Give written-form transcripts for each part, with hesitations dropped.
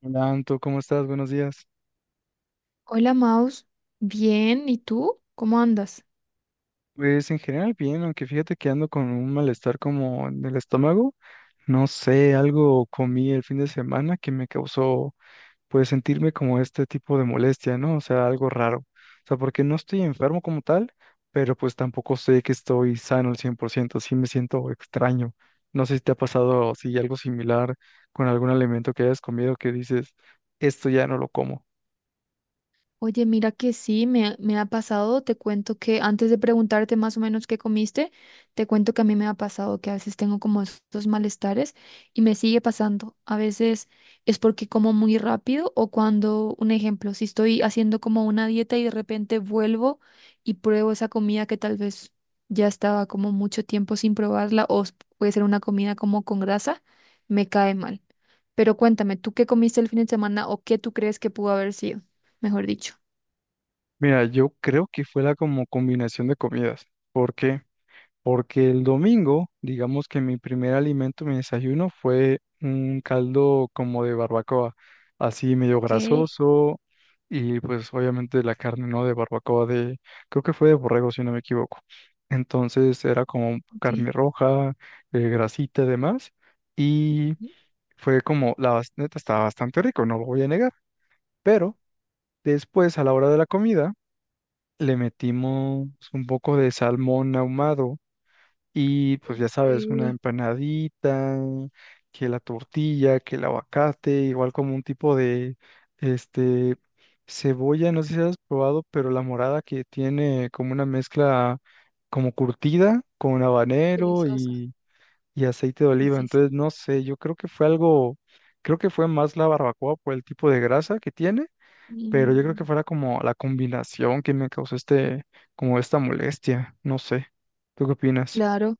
Hola, Anto, ¿cómo estás? Buenos días. Hola Maus, bien, ¿y tú? ¿Cómo andas? Pues en general bien, aunque fíjate que ando con un malestar como en el estómago. No sé, algo comí el fin de semana que me causó pues sentirme como este tipo de molestia, ¿no? O sea, algo raro. O sea, porque no estoy enfermo como tal, pero pues tampoco sé que estoy sano al 100%. Sí me siento extraño. No sé si te ha pasado si algo similar con algún alimento que hayas comido que dices, esto ya no lo como. Oye, mira que sí, me ha pasado. Te cuento que antes de preguntarte más o menos qué comiste, te cuento que a mí me ha pasado que a veces tengo como estos malestares y me sigue pasando. A veces es porque como muy rápido o cuando, un ejemplo, si estoy haciendo como una dieta y de repente vuelvo y pruebo esa comida que tal vez ya estaba como mucho tiempo sin probarla puede ser una comida como con grasa, me cae mal. Pero cuéntame, ¿tú qué comiste el fin de semana o qué tú crees que pudo haber sido, mejor dicho? Mira, yo creo que fue la como combinación de comidas. ¿Por qué? Porque el domingo, digamos que mi primer alimento, mi desayuno, fue un caldo como de barbacoa, así medio Ok, grasoso y pues obviamente la carne, ¿no? De barbacoa de, creo que fue de borrego, si no me equivoco. Entonces era como ok. carne roja, grasita y demás. Y fue como, la neta estaba bastante rico, no lo voy a negar. Pero después, a la hora de la comida, le metimos un poco de salmón ahumado y pues Ok, ya sabes, una empanadita, que la tortilla, que el aguacate, igual como un tipo de este cebolla, no sé si has probado, pero la morada que tiene como una mezcla como curtida con habanero deliciosa. Y aceite de Sí, oliva. sí, sí. Entonces, no sé, yo creo que fue algo, creo que fue más la barbacoa por el tipo de grasa que tiene, pero yo creo que Mm. fuera como la combinación que me causó este, como esta molestia, no sé. ¿Tú qué opinas? Claro.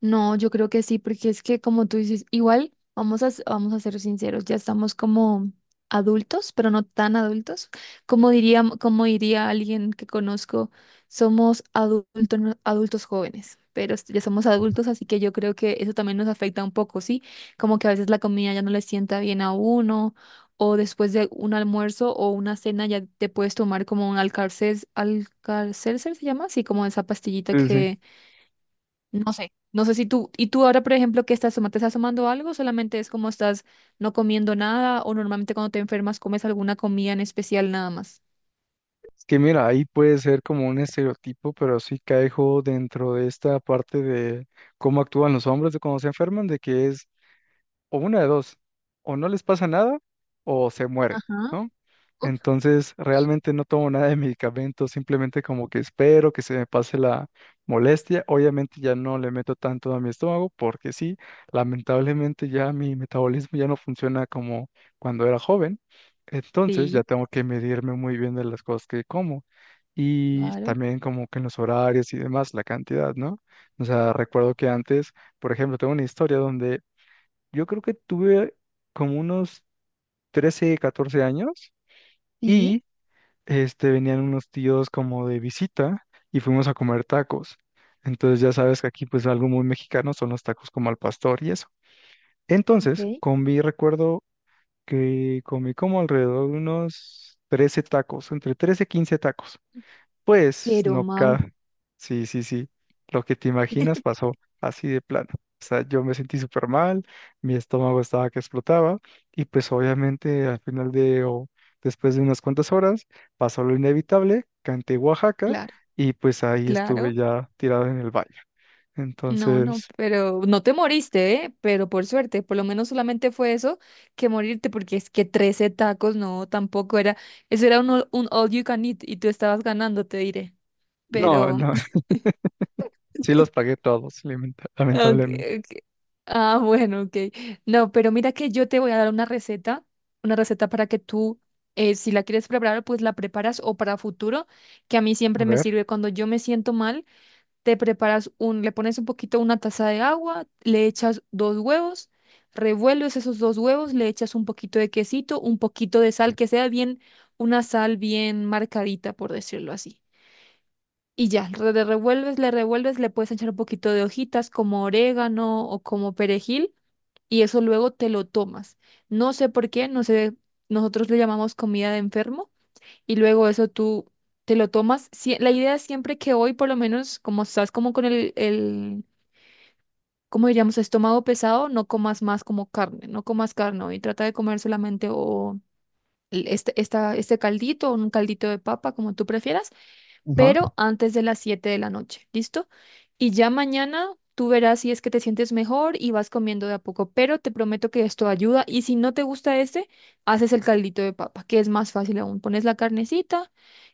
No, yo creo que sí, porque es que como tú dices, igual vamos a ser sinceros, ya estamos como adultos, pero no tan adultos. Como diría alguien que conozco, somos adultos, adultos jóvenes, pero ya somos adultos, así que yo creo que eso también nos afecta un poco, ¿sí? Como que a veces la comida ya no le sienta bien a uno, o después de un almuerzo o una cena ya te puedes tomar como un alcalcer, ¿se llama? Sí, como esa pastillita Sí, sí. que no sé. No sé si tú, y tú ahora, por ejemplo, qué estás tomando, te estás tomando algo, solamente es como estás no comiendo nada, o normalmente cuando te enfermas comes alguna comida en especial nada más. Es que mira, ahí puede ser como un estereotipo, pero sí caigo dentro de esta parte de cómo actúan los hombres de cuando se enferman, de que es o una de dos, o no les pasa nada o se mueren, Ajá. ¿no? Uf, Entonces, realmente no tomo nada de medicamento, simplemente como que espero que se me pase la molestia. Obviamente ya no le meto tanto a mi estómago porque sí, lamentablemente ya mi metabolismo ya no funciona como cuando era joven. Entonces, ya sí. tengo que medirme muy bien de las cosas que como, y Claro, también como que en los horarios y demás, la cantidad, ¿no? O sea, recuerdo que antes, por ejemplo, tengo una historia donde yo creo que tuve como unos 13, 14 años sí, y este, venían unos tíos como de visita y fuimos a comer tacos. Entonces ya sabes que aquí pues algo muy mexicano son los tacos como al pastor y eso. Entonces ok. comí, recuerdo que comí como alrededor de unos 13 tacos, entre 13 y 15 tacos. Pues Pero no Mau, cabe. Sí, sí, sí. Lo que te imaginas pasó así de plano. O sea, yo me sentí súper mal, mi estómago estaba que explotaba y pues obviamente al final de o después de unas cuantas horas pasó lo inevitable, canté Oaxaca claro, y pues ahí estuve claro. ya tirado en el baño. No, no, Entonces, pero no te moriste, ¿eh? Pero por suerte, por lo menos solamente fue eso que morirte, porque es que 13 tacos, no, tampoco era, eso era un, un all you can eat y tú estabas ganando, te diré. no, Pero no, sí los pagué todos, Okay, lamentablemente. ok. Ah, bueno, ok. No, pero mira que yo te voy a dar una receta para que tú, si la quieres preparar, pues la preparas o para futuro, que a mí A siempre me ver, sirve cuando yo me siento mal, te preparas un, le pones un poquito una taza de agua, le echas dos huevos, revuelves esos dos huevos, le echas un poquito de quesito, un poquito de sal, que sea bien, una sal bien marcadita, por decirlo así. Y ya, le revuelves, le revuelves, le puedes echar un poquito de hojitas como orégano o como perejil y eso luego te lo tomas. No sé por qué, no sé, nosotros le llamamos comida de enfermo y luego eso tú te lo tomas. Sí, la idea es siempre que hoy por lo menos, como estás como con el, ¿cómo diríamos? Estómago pesado, no comas más como carne, no comas carne hoy, trata de comer solamente o este caldito o un caldito de papa, como tú prefieras ajá. pero antes de las 7 de la noche, ¿listo? Y ya mañana tú verás si es que te sientes mejor y vas comiendo de a poco, pero te prometo que esto ayuda y si no te gusta este, haces el caldito de papa, que es más fácil aún. Pones la carnecita,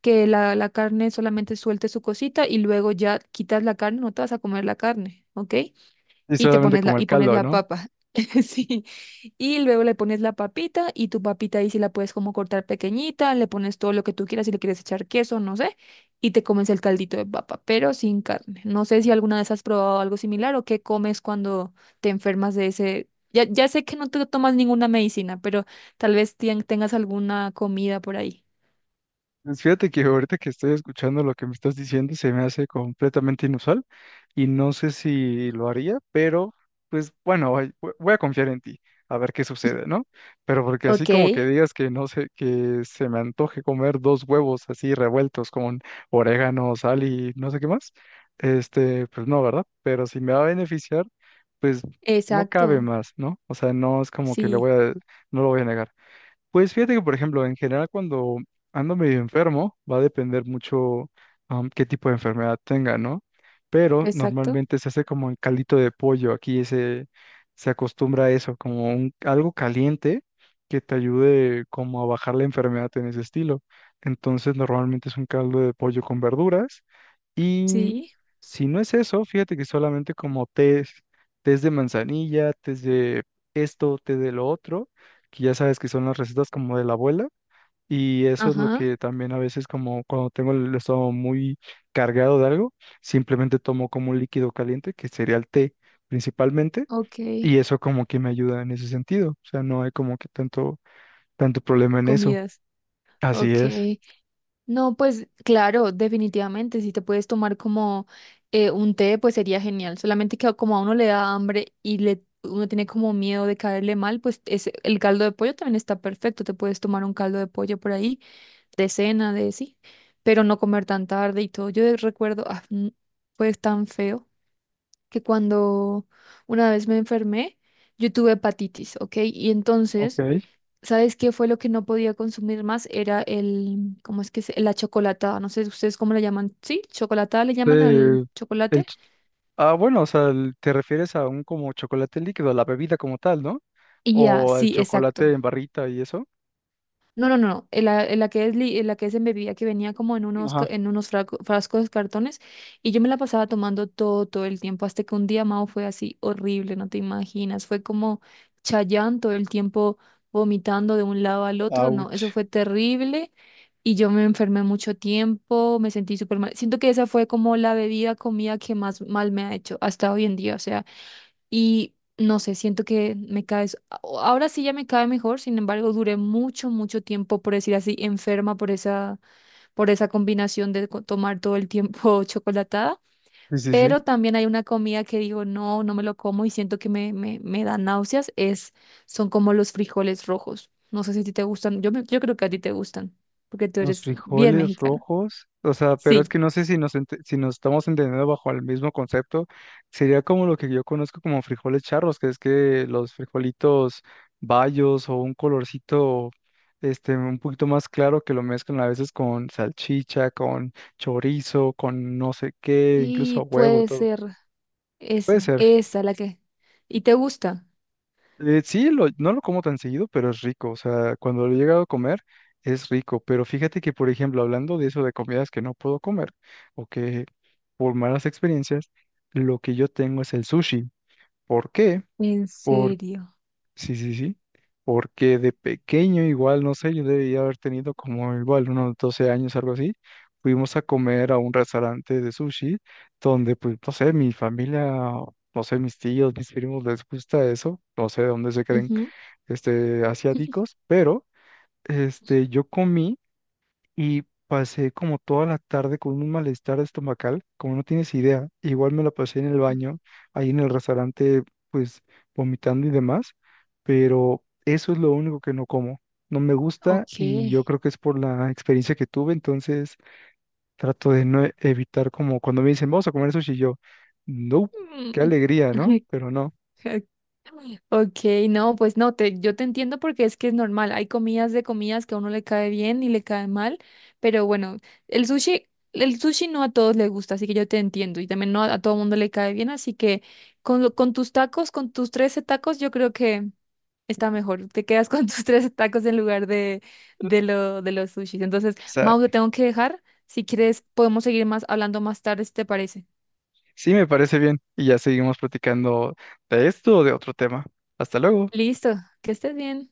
que la carne solamente suelte su cosita y luego ya quitas la carne, no te vas a comer la carne, ¿ok? Y Y te solamente pones la, como el y pones caldo, la ¿no? papa. Sí. Y luego le pones la papita y tu papita ahí sí la puedes como cortar pequeñita, le pones todo lo que tú quieras, si le quieres echar queso, no sé, y te comes el caldito de papa, pero sin carne. No sé si alguna vez has probado algo similar o qué comes cuando te enfermas de ese... Ya, ya sé que no te tomas ninguna medicina, pero tal vez tengas alguna comida por ahí. Pues fíjate que ahorita que estoy escuchando lo que me estás diciendo se me hace completamente inusual y no sé si lo haría, pero pues bueno, ay, voy a confiar en ti, a ver qué sucede, ¿no? Pero porque así Ok. como que digas que no sé, que se me antoje comer dos huevos así revueltos con orégano, sal y no sé qué más, este, pues no, ¿verdad? Pero si me va a beneficiar, pues no cabe Exacto. más, ¿no? O sea, no es como que le Sí. voy a, no lo voy a negar. Pues fíjate que, por ejemplo, en general cuando ando medio enfermo, va a depender mucho qué tipo de enfermedad tenga, ¿no? Pero Exacto. normalmente se hace como el caldito de pollo, aquí se acostumbra a eso, como un, algo caliente que te ayude como a bajar la enfermedad en ese estilo. Entonces normalmente es un caldo de pollo con verduras y Sí. si no es eso, fíjate que solamente como tés, tés de manzanilla, tés de esto, té de lo otro, que ya sabes que son las recetas como de la abuela, y eso es lo Ajá. que también a veces como cuando tengo el estómago muy cargado de algo, simplemente tomo como un líquido caliente, que sería el té principalmente, Ok. y eso como que me ayuda en ese sentido, o sea, no hay como que tanto problema en eso. Comidas. Así Ok. es, No, pues claro, definitivamente, si te puedes tomar como un té, pues sería genial. Solamente que como a uno le da hambre y le, uno tiene como miedo de caerle mal, pues el caldo de pollo también está perfecto. Te puedes tomar un caldo de pollo por ahí, de cena, de sí, pero no comer tan tarde y todo. Yo recuerdo, fue tan feo que cuando una vez me enfermé, yo tuve hepatitis, ¿ok? Y entonces... ok. ¿Sabes qué fue lo que no podía consumir más? Era el, ¿cómo es que se, la chocolatada? No sé ustedes cómo la llaman. Sí, chocolatada le llaman al Eh, el chocolate. Ah, bueno, o sea, te refieres a un como chocolate líquido, a la bebida como tal, ¿no? Y ya, O al sí, chocolate exacto. en barrita y eso. No, no, no, no, en la que es, en la que es en bebida que venía como en unos, Ajá, en unos frascos de cartones y yo me la pasaba tomando todo el tiempo, hasta que un día, Mao, fue así horrible, no te imaginas, fue como Chayanne todo el tiempo vomitando de un lado al otro, no, eso ouch. fue terrible y yo me enfermé mucho tiempo, me sentí súper mal, siento que esa fue como la bebida, comida que más mal me ha hecho hasta hoy en día, o sea, y no sé, siento que me cae, ahora sí ya me cae mejor, sin embargo, duré mucho, mucho tiempo, por decir así, enferma por esa combinación de tomar todo el tiempo chocolatada. Sí, sí, sí. Pero también hay una comida que digo, no, no me lo como y siento que me da náuseas, es, son como los frijoles rojos. No sé si a ti te gustan, yo, yo creo que a ti te gustan, porque tú Los eres bien frijoles mexicana. rojos, o sea, pero es Sí. que no sé si nos, si nos estamos entendiendo bajo el mismo concepto. Sería como lo que yo conozco como frijoles charros, que es que los frijolitos bayos o un colorcito este, un poquito más claro, que lo mezclan a veces con salchicha, con chorizo, con no sé qué, incluso Sí, huevo, puede todo. ser Puede eso, ser. esa la que... ¿Y te gusta? Sí, no lo como tan seguido, pero es rico. O sea, cuando lo he llegado a comer, es rico. Pero fíjate que, por ejemplo, hablando de eso de comidas que no puedo comer o que por malas experiencias, lo que yo tengo es el sushi. ¿Por qué? ¿En Por... serio? Sí, sí, sí. Porque de pequeño, igual, no sé, yo debía haber tenido como igual unos 12 años, algo así. Fuimos a comer a un restaurante de sushi donde, pues, no sé, mi familia, no sé, mis tíos, mis primos les gusta eso. No sé de dónde se creen Ujú. este, asiáticos, pero este, yo comí y pasé como toda la tarde con un malestar estomacal, como no tienes idea. Igual me la pasé en el baño, ahí en el restaurante, pues vomitando y demás, pero eso es lo único que no como. No me gusta Ok. y yo creo que es por la experiencia que tuve, entonces trato de no evitar como cuando me dicen, vamos a comer sushi, yo, no, qué Mm. alegría, ¿no? Pero no. O Ok, no, pues no, te, yo te entiendo porque es que es normal. Hay comidas de comidas que a uno le cae bien y le cae mal, pero bueno, el sushi, el sushi no a todos les gusta, así que yo te entiendo y también no a, a todo mundo le cae bien, así que con, con tus tacos, con tus 13 tacos, yo creo que está mejor. Te quedas con tus 13 tacos en lugar de, lo, de los sushis. Entonces, sea, Mau, te tengo que dejar. Si quieres, podemos seguir más hablando más tarde, si te parece. sí, me parece bien. Y ya seguimos platicando de esto o de otro tema. Hasta luego. Listo, que estés bien.